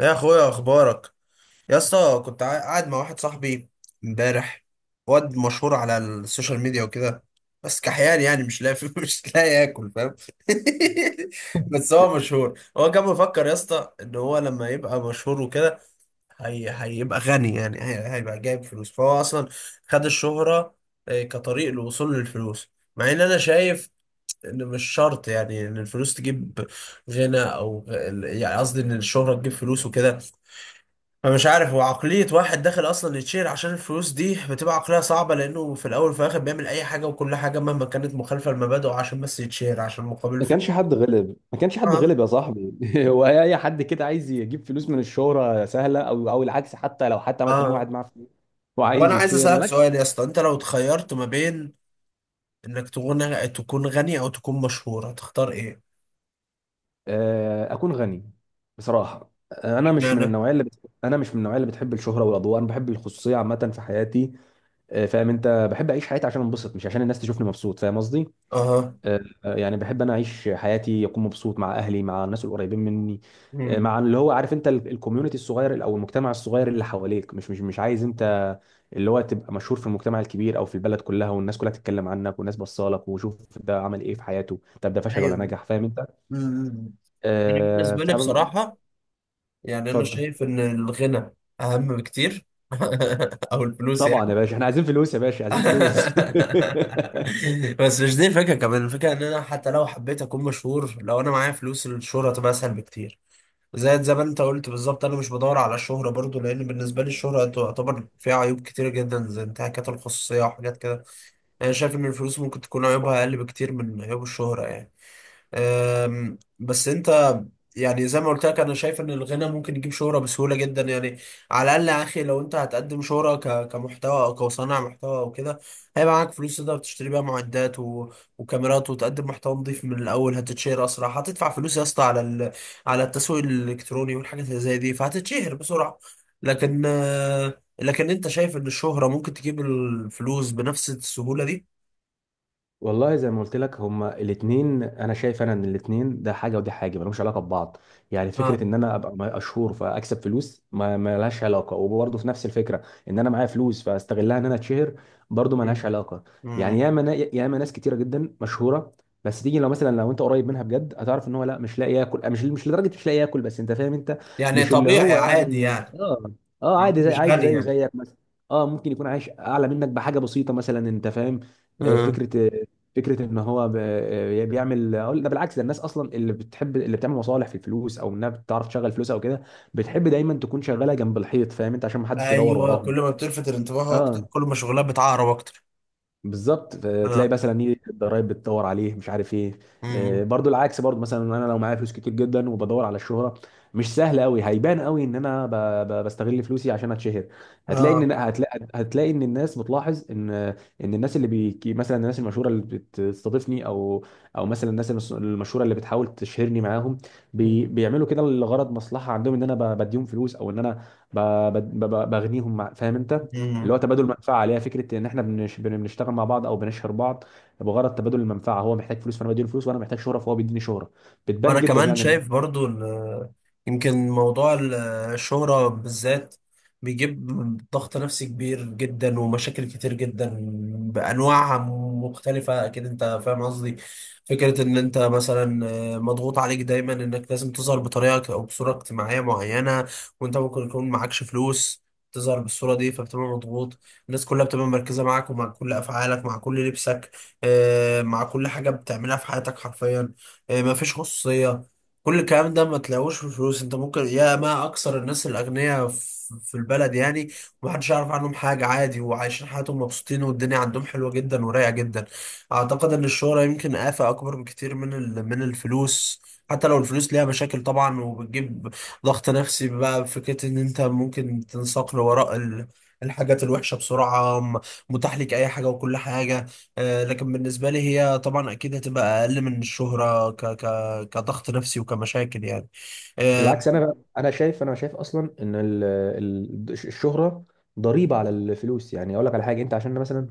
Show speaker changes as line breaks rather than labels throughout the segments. يا اخويا اخبارك يا اسطى. كنت قاعد مع واحد صاحبي امبارح، واد مشهور على السوشيال ميديا وكده، بس كحيان يعني مش لاقي مش لاقي ياكل فاهم. بس هو مشهور، هو كان مفكر يا اسطى ان هو لما يبقى مشهور وكده هي... هيبقى غني، يعني هيبقى جايب فلوس، فهو اصلا خد الشهرة آه، كطريق للوصول للفلوس. مع ان انا شايف ان مش شرط يعني ان الفلوس تجيب غنى، او يعني قصدي ان الشهرة تجيب فلوس وكده. فمش عارف، هو عقلية واحد داخل أصلا يتشهر عشان الفلوس دي بتبقى عقلية صعبة، لأنه في الأول وفي الآخر بيعمل أي حاجة وكل حاجة مهما كانت مخالفة لمبادئه عشان بس يتشهر، عشان مقابل
ما
فلوس.
كانش حد غلب، ما كانش حد
آه.
غلب يا صاحبي. هو اي حد كده عايز يجيب فلوس من الشهرة سهلة او العكس، حتى لو مثلا
آه.
واحد معاه فلوس
طب أنا
وعايز
عايز
يتشير،
أسألك
ملاش.
سؤال يا اسطى، أنت لو اتخيرت ما بين إنك تكون غني أو تكون مشهور، هتختار إيه؟
اكون غني بصراحة.
اشمعنى؟
انا مش من النوعية اللي بتحب الشهرة والاضواء، انا بحب الخصوصية عامة في حياتي. فاهم انت، بحب اعيش حياتي عشان انبسط مش عشان الناس تشوفني مبسوط، فاهم قصدي؟
آه.
يعني بحب انا اعيش حياتي، اكون مبسوط مع اهلي، مع الناس القريبين مني.
امم.
مع اللي هو عارف انت، الكوميونتي الصغير او المجتمع الصغير اللي حواليك، مش عايز انت اللي هو تبقى مشهور في المجتمع الكبير او في البلد كلها، والناس كلها تتكلم عنك والناس بصالك وشوف ده عمل ايه في حياته، طب ده فشل ولا
أيوه.
نجح؟ فاهم انت؟
امم. أنا بالنسبة لي
فاهم.
بصراحة يعني أنا
اتفضل.
شايف إن الغنى أهم بكتير أو الفلوس
طبعا
يعني.
يا باشا، احنا عايزين فلوس يا باشا، عايزين فلوس.
بس مش دي الفكرة، كمان الفكرة ان انا حتى لو حبيت اكون مشهور، لو انا معايا فلوس الشهرة تبقى اسهل بكتير. زي ما انت قلت بالظبط، انا مش بدور على الشهرة برضو، لان بالنسبة لي الشهرة تعتبر فيها عيوب كتير جدا زي انتهاكات الخصوصية وحاجات كده يعني. انا شايف ان الفلوس ممكن تكون عيوبها اقل بكتير من عيوب الشهرة يعني. بس انت يعني زي ما قلت لك انا شايف ان الغنى ممكن يجيب شهرة بسهولة جدا يعني. على الاقل يا اخي، لو انت هتقدم شهرة كمحتوى او كصانع محتوى او كده، هيبقى معاك فلوس تقدر تشتري بيها معدات و... وكاميرات، وتقدم محتوى نظيف من الاول، هتتشهر اسرع. هتدفع فلوس يا اسطى على على التسويق الالكتروني والحاجات اللي زي دي، فهتتشهر بسرعة. لكن لكن انت شايف ان الشهرة ممكن تجيب الفلوس بنفس السهولة دي؟
والله زي ما قلت لك، هما الاثنين، انا شايف ان الاثنين ده حاجه ودي حاجه، ملهمش علاقه ببعض. يعني فكره
اه.
ان انا ابقى مشهور فاكسب فلوس ما لهاش علاقه، وبرضه في نفس الفكره، ان انا معايا فلوس فاستغلها ان انا اتشهر، برضه ما
مم.
لهاش علاقه. يعني
مم.
ياما ناس كتيره جدا مشهوره، بس تيجي لو مثلا لو انت قريب منها بجد هتعرف ان هو، لا، مش لاقي ياكل، مش لدرجه مش لاقي ياكل، بس انت فاهم انت.
يعني
مش اللي
طبيعي
هو
عادي
يعني
يعني.
اه عادي، زي
مش
عايش
غالي
زيه
يعني.
زيك مثلا. اه، ممكن يكون عايش اعلى منك بحاجه بسيطه مثلا، انت فاهم. آه،
اه.
فكره فكره ان هو بيعمل، أقول ده بالعكس، ده الناس اصلا اللي بتحب، اللي بتعمل مصالح في الفلوس او انها بتعرف تشغل فلوسها او كده، بتحب دايما تكون شغاله جنب الحيط، فاهم انت، عشان ما حدش يدور
ايوه،
وراهم.
كل ما بتلفت الانتباه اكتر
اه،
كل ما شغلها بتعقرب اكتر.
بالظبط. تلاقي
اه.
مثلا، ايه، الضرايب بتدور عليه، مش عارف ايه.
امم.
برضو العكس، برضو مثلا انا لو معايا فلوس كتير جدا وبدور على الشهره، مش سهل قوي، هيبان قوي ان انا بستغل فلوسي عشان اتشهر. هتلاقي ان الناس بتلاحظ ان مثلا الناس المشهوره اللي بتستضيفني او مثلا الناس المشهوره اللي بتحاول تشهرني معاهم،
اه.
بيعملوا كده لغرض مصلحه عندهم، ان انا بديهم فلوس او ان انا ب... بغنيهم مع... فاهم انت، اللي هو تبادل منفعه، عليها فكره ان احنا بنشتغل مع بعض او بنشهر بعض بغرض تبادل المنفعه. هو محتاج فلوس فانا بديله فلوس، وانا محتاج شهره فهو بيديني شهره. بتبان
وانا
جدا
كمان
يعني.
شايف برضو ان يمكن موضوع الشهرة بالذات بيجيب ضغط نفسي كبير جدا ومشاكل كتير جدا بانواعها مختلفة، اكيد انت فاهم قصدي. فكرة ان انت مثلا مضغوط عليك دايما انك لازم تظهر بطريقة او بصورة اجتماعية معينة، وانت ممكن يكون معكش فلوس تظهر بالصورة دي، فبتبقى مضغوط. الناس كلها بتبقى مركزة معاك ومع كل أفعالك، مع كل لبسك، مع كل حاجة بتعملها في حياتك حرفيا. ما فيش خصوصية. كل الكلام ده ما تلاقوش في الفلوس. انت ممكن يا ما اكثر الناس الاغنياء في البلد يعني، ومحدش يعرف عنهم حاجة، عادي، وعايشين حياتهم مبسوطين والدنيا عندهم حلوة جدا ورايقة جدا. اعتقد ان الشهرة يمكن آفة اكبر بكتير من من الفلوس. حتى لو الفلوس ليها مشاكل طبعا وبتجيب ضغط نفسي بقى بفكرة ان انت ممكن تنساق لوراء الحاجات الوحشة بسرعة، متاح لك اي حاجة وكل حاجة. لكن بالنسبة لي هي طبعا أكيد هتبقى أقل من الشهرة ك ك كضغط نفسي وكمشاكل يعني. آه.
بالعكس انا بقى انا شايف اصلا ان الشهره ضريبه على الفلوس. يعني اقول لك على حاجه، انت عشان مثلا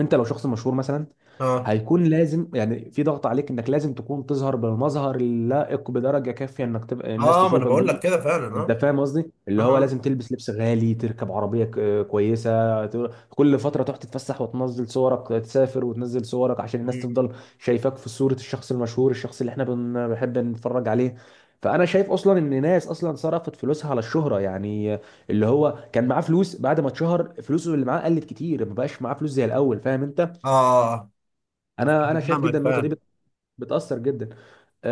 انت لو شخص مشهور مثلا،
آه.
هيكون لازم يعني في ضغط عليك انك لازم تكون تظهر بالمظهر اللائق بدرجه كافيه، انك تبقى الناس
آه، ما أنا
تشوفك
بقول لك
بيه.
كده فعلا.
انت
آه.
فاهم قصدي؟
آه.
اللي هو
آه.
لازم تلبس لبس غالي، تركب عربيه كويسه، كل فتره تروح تتفسح وتنزل صورك، تسافر وتنزل صورك عشان الناس
مم.
تفضل شايفاك في صوره الشخص المشهور، الشخص اللي احنا بنحب نتفرج عليه. فانا شايف اصلا ان ناس اصلا صرفت فلوسها على الشهره. يعني اللي هو كان معاه فلوس، بعد ما اتشهر فلوسه اللي معاه قلت كتير، ما بقاش معاه فلوس زي الاول، فاهم انت.
آه.
انا
أنا
انا شايف
فاهمك
جدا النقطه دي
فعلا.
بتاثر جدا.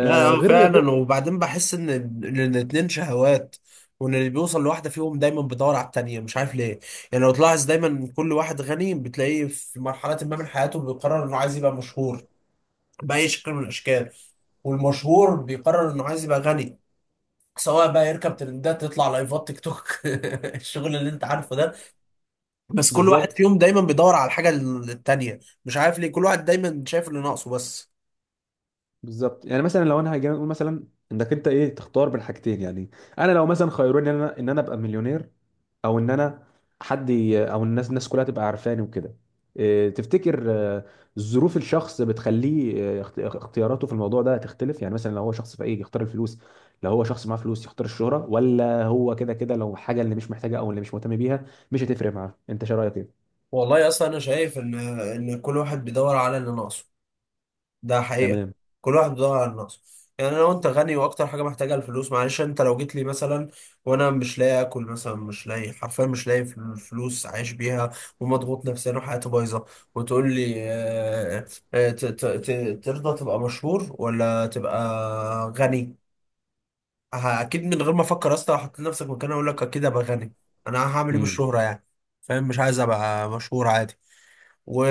لا آه،
غير غير-
فعلا. وبعدين بحس إن الاتنين شهوات، وإن اللي بيوصل لواحدة فيهم دايما بيدور على التانية، مش عارف ليه. يعني لو تلاحظ، دايما كل واحد غني بتلاقيه في مرحلة ما من حياته بيقرر إنه عايز يبقى مشهور بأي شكل من الأشكال، والمشهور بيقرر إنه عايز يبقى غني، سواء بقى يركب ترندات، تطلع لايفات تيك توك الشغل اللي انت عارفه ده. بس كل واحد
بالظبط
فيهم دايما بيدور على الحاجه التانيه، مش عارف ليه، كل واحد دايما شايف اللي ناقصه بس.
بالظبط، يعني مثلا لو انا هاجي اقول مثلا، انك انت، ايه، تختار بين حاجتين يعني. انا لو مثلا خيروني، ان انا ابقى مليونير، او ان انا حد ي- او الناس كلها تبقى عارفاني وكده. إيه، تفتكر، ظروف الشخص بتخليه اختياراته في الموضوع ده تختلف؟ يعني مثلا لو هو شخص فقير يختار الفلوس، لو هو شخص معاه فلوس يختار الشهرة؟ ولا هو كده كده لو حاجة اللي مش محتاجها او اللي مش مهتم بيها مش هتفرق معاه؟ انت شو رأيك، ايه؟
والله اصلا انا شايف ان كل واحد بيدور على اللي ناقصه، ده حقيقة.
تمام.
كل واحد بيدور على نفسه. يعني انا وانت غني واكتر حاجة محتاجها الفلوس، معلش انت لو جيت لي مثلا وانا مش لاقي اكل مثلا، مش لاقي حرفيا، مش لاقي فلوس عايش بيها، ومضغوط نفسيا وحياتي بايظة، وتقول لي ترضى تبقى مشهور ولا تبقى غني، اكيد من غير ما افكر اصلا، احط نفسك مكاني، اقول لك اكيد ابقى غني. انا هعمل ايه
امم.
بالشهرة يعني، فاهم، مش عايز ابقى مشهور، عادي. و...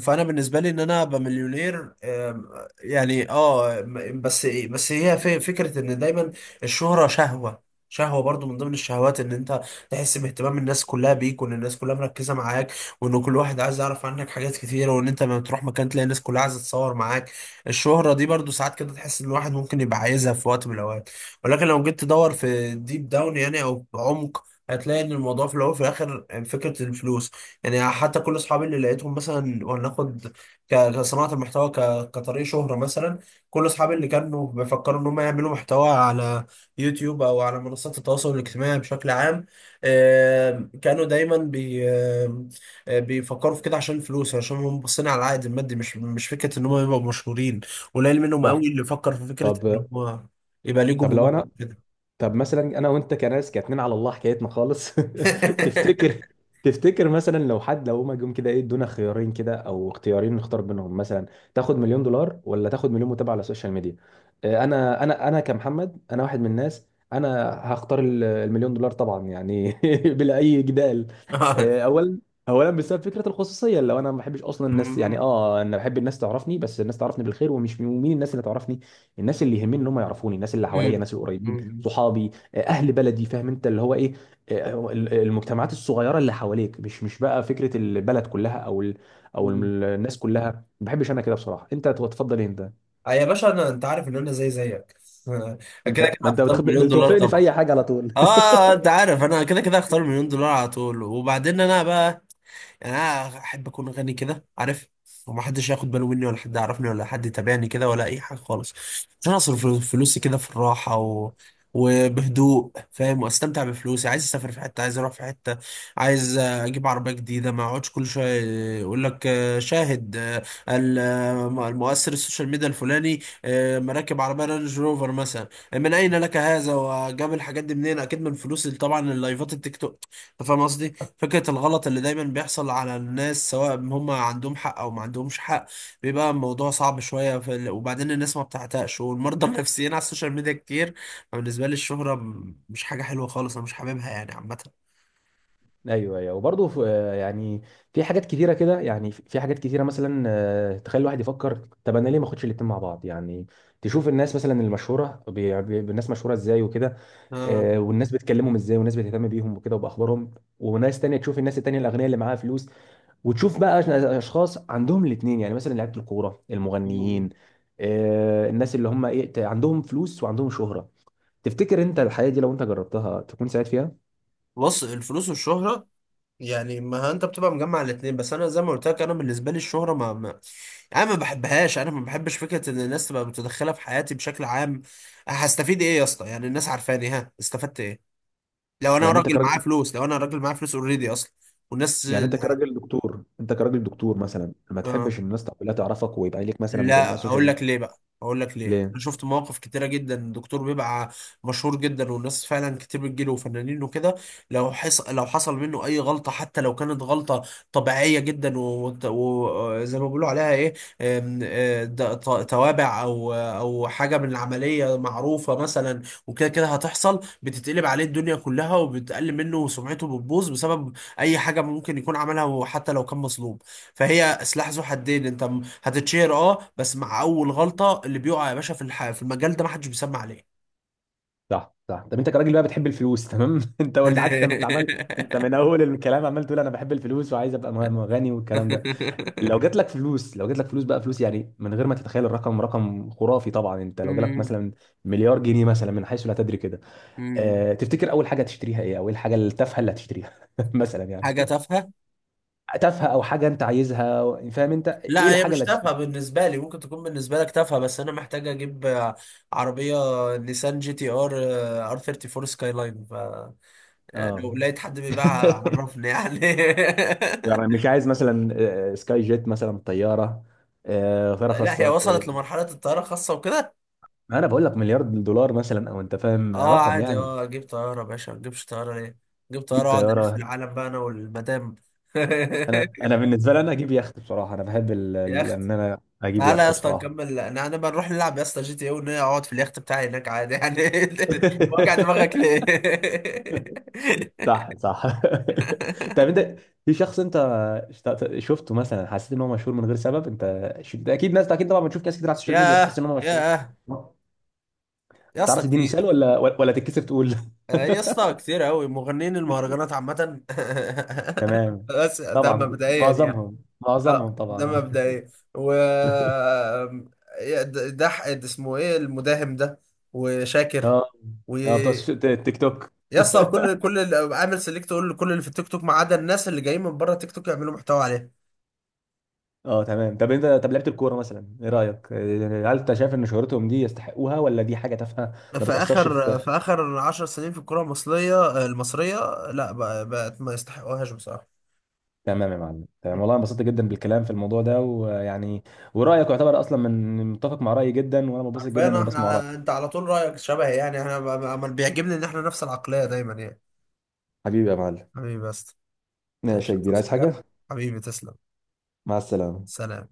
فانا بالنسبه لي ان انا ابقى مليونير. يعني اه بس بس هي في فكره ان دايما الشهره شهوه، شهوه برضو من ضمن الشهوات ان انت تحس باهتمام الناس كلها بيك، وان الناس كلها مركزه معاك، وان كل واحد عايز يعرف عنك حاجات كتيره، وان انت لما تروح مكان تلاقي الناس كلها عايزه تتصور معاك. الشهره دي برضو ساعات كده تحس ان الواحد ممكن يبقى عايزها في وقت من الاوقات، ولكن لو جيت تدور في ديب داون يعني او بعمق، هتلاقي ان الموضوع في الاول وفي الاخر فكره الفلوس يعني. حتى كل اصحابي اللي لقيتهم مثلا، وناخد كصناعه المحتوى كطريق شهره مثلا، كل اصحابي اللي كانوا بيفكروا ان هم يعملوا محتوى على يوتيوب او على منصات التواصل الاجتماعي بشكل عام، كانوا دايما بي آم، بيفكروا في كده عشان الفلوس، عشان هم باصين على العائد المادي، مش فكره ان هم يبقوا مشهورين. قليل منهم
صح.
قوي اللي فكر في فكره ان
طب
هم يبقى ليه
طب لو
جمهور
انا
كده.
طب مثلا انا وانت كناس كاتنين على الله، حكايتنا خالص. تفتكر تفتكر مثلا، لو هما جم كده، ايه، ادونا خيارين كده او اختيارين نختار بينهم مثلا، تاخد مليون دولار ولا تاخد مليون متابع على السوشيال ميديا؟ انا كمحمد، انا واحد من الناس، انا هختار المليون دولار طبعا يعني. بلا اي جدال.
آه.
آه، اولا اولا بسبب فكره الخصوصيه، لو انا ما بحبش اصلا الناس. يعني
مم.
انا بحب الناس تعرفني، بس الناس تعرفني بالخير، ومين الناس اللي تعرفني، الناس اللي يهمني ان هم يعرفوني، الناس اللي حواليا،
مم.
الناس القريبين، صحابي، اهل بلدي، فاهم انت اللي هو ايه. المجتمعات الصغيره اللي حواليك، مش بقى فكره البلد كلها، او
مم.
الناس كلها. ما بحبش انا كده بصراحه. انت تفضل إيه انت؟
آه يا باشا انا، انت عارف ان انا زي زيك كده كده
انت، ما انت
هختار مليون دولار
بتوافقني في
طبعا.
اي حاجه على طول.
اه. آه، انت عارف انا كده كده هختار مليون دولار على طول. وبعدين انا بقى يعني انا احب اكون غني كده، عارف، وما حدش ياخد باله مني ولا حد يعرفني ولا حد يتابعني كده ولا اي حاجه خالص، عشان اصرف فلوسي كده في الراحه و... وبهدوء، فاهم، واستمتع بفلوسي. عايز اسافر في حته، عايز اروح في حته، عايز اجيب عربيه جديده، ما اقعدش كل شويه يقول لك شاهد المؤثر السوشيال ميديا الفلاني مراكب عربيه رانج روفر مثلا، من اين لك هذا، وجاب الحاجات دي منين، اكيد من فلوس طبعا اللايفات التيك توك، انت فاهم قصدي. فكره الغلط اللي دايما بيحصل على الناس سواء هم عندهم حق او ما عندهمش حق، بيبقى الموضوع صعب شويه في وبعدين الناس ما بتعتقش، والمرضى النفسيين على السوشيال ميديا كتير، فبالنسبه لي الشهره مش حاجه حلوه خالص، انا مش حاببها يعني عامه.
ايوه، ايوه، وبرضه يعني في حاجات كتيره كده، يعني في حاجات كتيره مثلا، تخلي الواحد يفكر، طب انا ليه ما اخدش الاتنين مع بعض يعني. تشوف الناس مثلا المشهوره الناس مشهوره ازاي وكده،
آه.
والناس بتكلمهم ازاي، والناس بتهتم بيهم وكده وباخبارهم. وناس تانية، تشوف الناس التانية الاغنياء اللي معاها فلوس، وتشوف بقى اشخاص عندهم الاثنين، يعني مثلا لعيبه الكوره، المغنيين، الناس اللي هم، ايه، عندهم فلوس وعندهم شهره. تفتكر انت الحياه دي لو انت جربتها تكون سعيد فيها؟
بص الفلوس والشهره يعني ما انت بتبقى مجمع الاثنين. بس انا زي ما قلت لك انا بالنسبه لي الشهره ما, ما يعني انا ما بحبهاش، انا ما بحبش فكره ان الناس تبقى متدخله في حياتي بشكل عام. هستفيد ايه يا اسطى يعني الناس عارفاني، ها استفدت ايه؟ لو انا
يعني انت
راجل معايا
كراجل
فلوس، لو انا راجل معايا فلوس اوريدي اصلا والناس.
انت كراجل دكتور مثلا، ما
اه.
تحبش الناس كلها تعرفك ويبقى ليك مثلا متابعين على
لا
السوشيال
اقول لك
ميديا؟
ليه بقى، اقول لك ليه،
ليه؟
انا شفت مواقف كتيره جدا الدكتور بيبقى مشهور جدا والناس فعلا كتير بتجيله وفنانين وكده، لو حصل منه اي غلطه، حتى لو كانت غلطه طبيعيه جدا وزي و... و... زي ما بيقولوا عليها ايه أم، أه، د- ط- توابع او حاجه من العمليه معروفه مثلا، وكده كده هتحصل، بتتقلب عليه الدنيا كلها وبتقل منه، وسمعته بتبوظ بسبب اي حاجه ممكن يكون عملها، وحتى لو كان مظلوم. فهي سلاح ذو حدين، انت هتتشهر اه، بس مع اول غلطة اللي بيقع يا باشا في في المجال ده محدش بيسمع عليه.
صح، صح. طب انت كراجل بقى بتحب الفلوس، تمام. انت قلت حتى، انت عمال، انت من اول الكلام عمال تقول انا بحب الفلوس وعايز ابقى غني والكلام ده. لو جات لك فلوس بقى، فلوس يعني، من غير ما تتخيل الرقم، رقم خرافي طبعا، انت لو جالك
مم.
مثلا مليار جنيه مثلا، من حيث لا تدري كده،
مم.
اه، تفتكر اول حاجه تشتريها ايه، او ايه الحاجه التافهه اللي هتشتريها؟ مثلا
حاجة
يعني،
تافهة.
تافهه او حاجه انت عايزها، فاهم انت،
لا
ايه
هي
الحاجه
مش
اللي
تافهة
هتشتريها؟
بالنسبة لي، ممكن تكون بالنسبة لك تافهة، بس انا محتاج اجيب عربية نيسان جي تي ار، ار 34 سكاي لاين، ف
اه.
لو لقيت حد بيبيعها عرفني يعني.
يعني مش عايز مثلا سكاي جيت مثلا، طياره، طياره
لا هي
خاصه؟
وصلت لمرحلة الطيارة خاصة وكده.
ما انا بقول لك مليار دولار مثلا، او انت فاهم،
اه
رقم
عادي،
يعني.
اه اجيب طيارة يا باشا، ما اجيبش طيارة ليه، اجيب طيارة
جيب
واقعد الف
طياره.
العالم بقى انا والمدام.
انا بالنسبه لي، انا اجيب يخت بصراحه، انا بحب
يخت.
ان انا اجيب
تعالى يا
يخت
اسطى
بصراحه.
نكمل، انا بنروح نلعب يا اسطى جي تي اي، ونقعد اقعد في اليخت بتاعي هناك عادي يعني. وجع دماغك ليه.
صح، صح. طب انت، في شخص انت شفته مثلا حسيت ان هو مشهور من غير سبب؟ ده اكيد ناس، ده اكيد طبعا، بتشوف ناس كتير على السوشيال ميديا بتحس
ياه
ان هم مشهورين.
ياه يا اسطى
تعرف تديني مثال
كتير.
ولا تتكسف تقول؟
آه، يا اسطى كتير قوي، مغنيين المهرجانات عامة.
تمام.
بس ده
طبعا
مبدئيا يعني.
معظمهم
اه
معظمهم
ده
طبعا.
مبدئيا و يا ده ده اسمه ايه، المداهم ده، وشاكر،
اه،
و
اه، بتوع التيك توك.
يا اسطى كل كل عامل سيلكت، كل اللي في التيك توك ما عدا الناس اللي جايين من بره التيك توك يعملوا محتوى عليه.
اه، تمام. طب لعيبه الكوره مثلا، ايه رايك؟ هل انت شايف ان شهرتهم دي يستحقوها ولا دي حاجه تافهه؟ ما بتاثرش في؟
في اخر 10 سنين في الكره المصريه لا بقت ما يستحقوهاش بصراحه.
تمام يا معلم، تمام.
مم.
والله انبسطت جدا بالكلام في الموضوع ده، ويعني، ورايك يعتبر اصلا من متفق مع رايي جدا، وانا مبسوط جدا
حرفيا
لما بسمع رايك.
احنا انت على طول رايك شبه، يعني احنا ما بيعجبني ان احنا نفس العقليه دايما يعني.
حبيبي يا معلم.
حبيبي بس.
ماشي
ماشي،
يا كبير، عايز
تصحى حاجه.
حاجة؟
حبيبي تسلم.
مع السلامة.
سلام.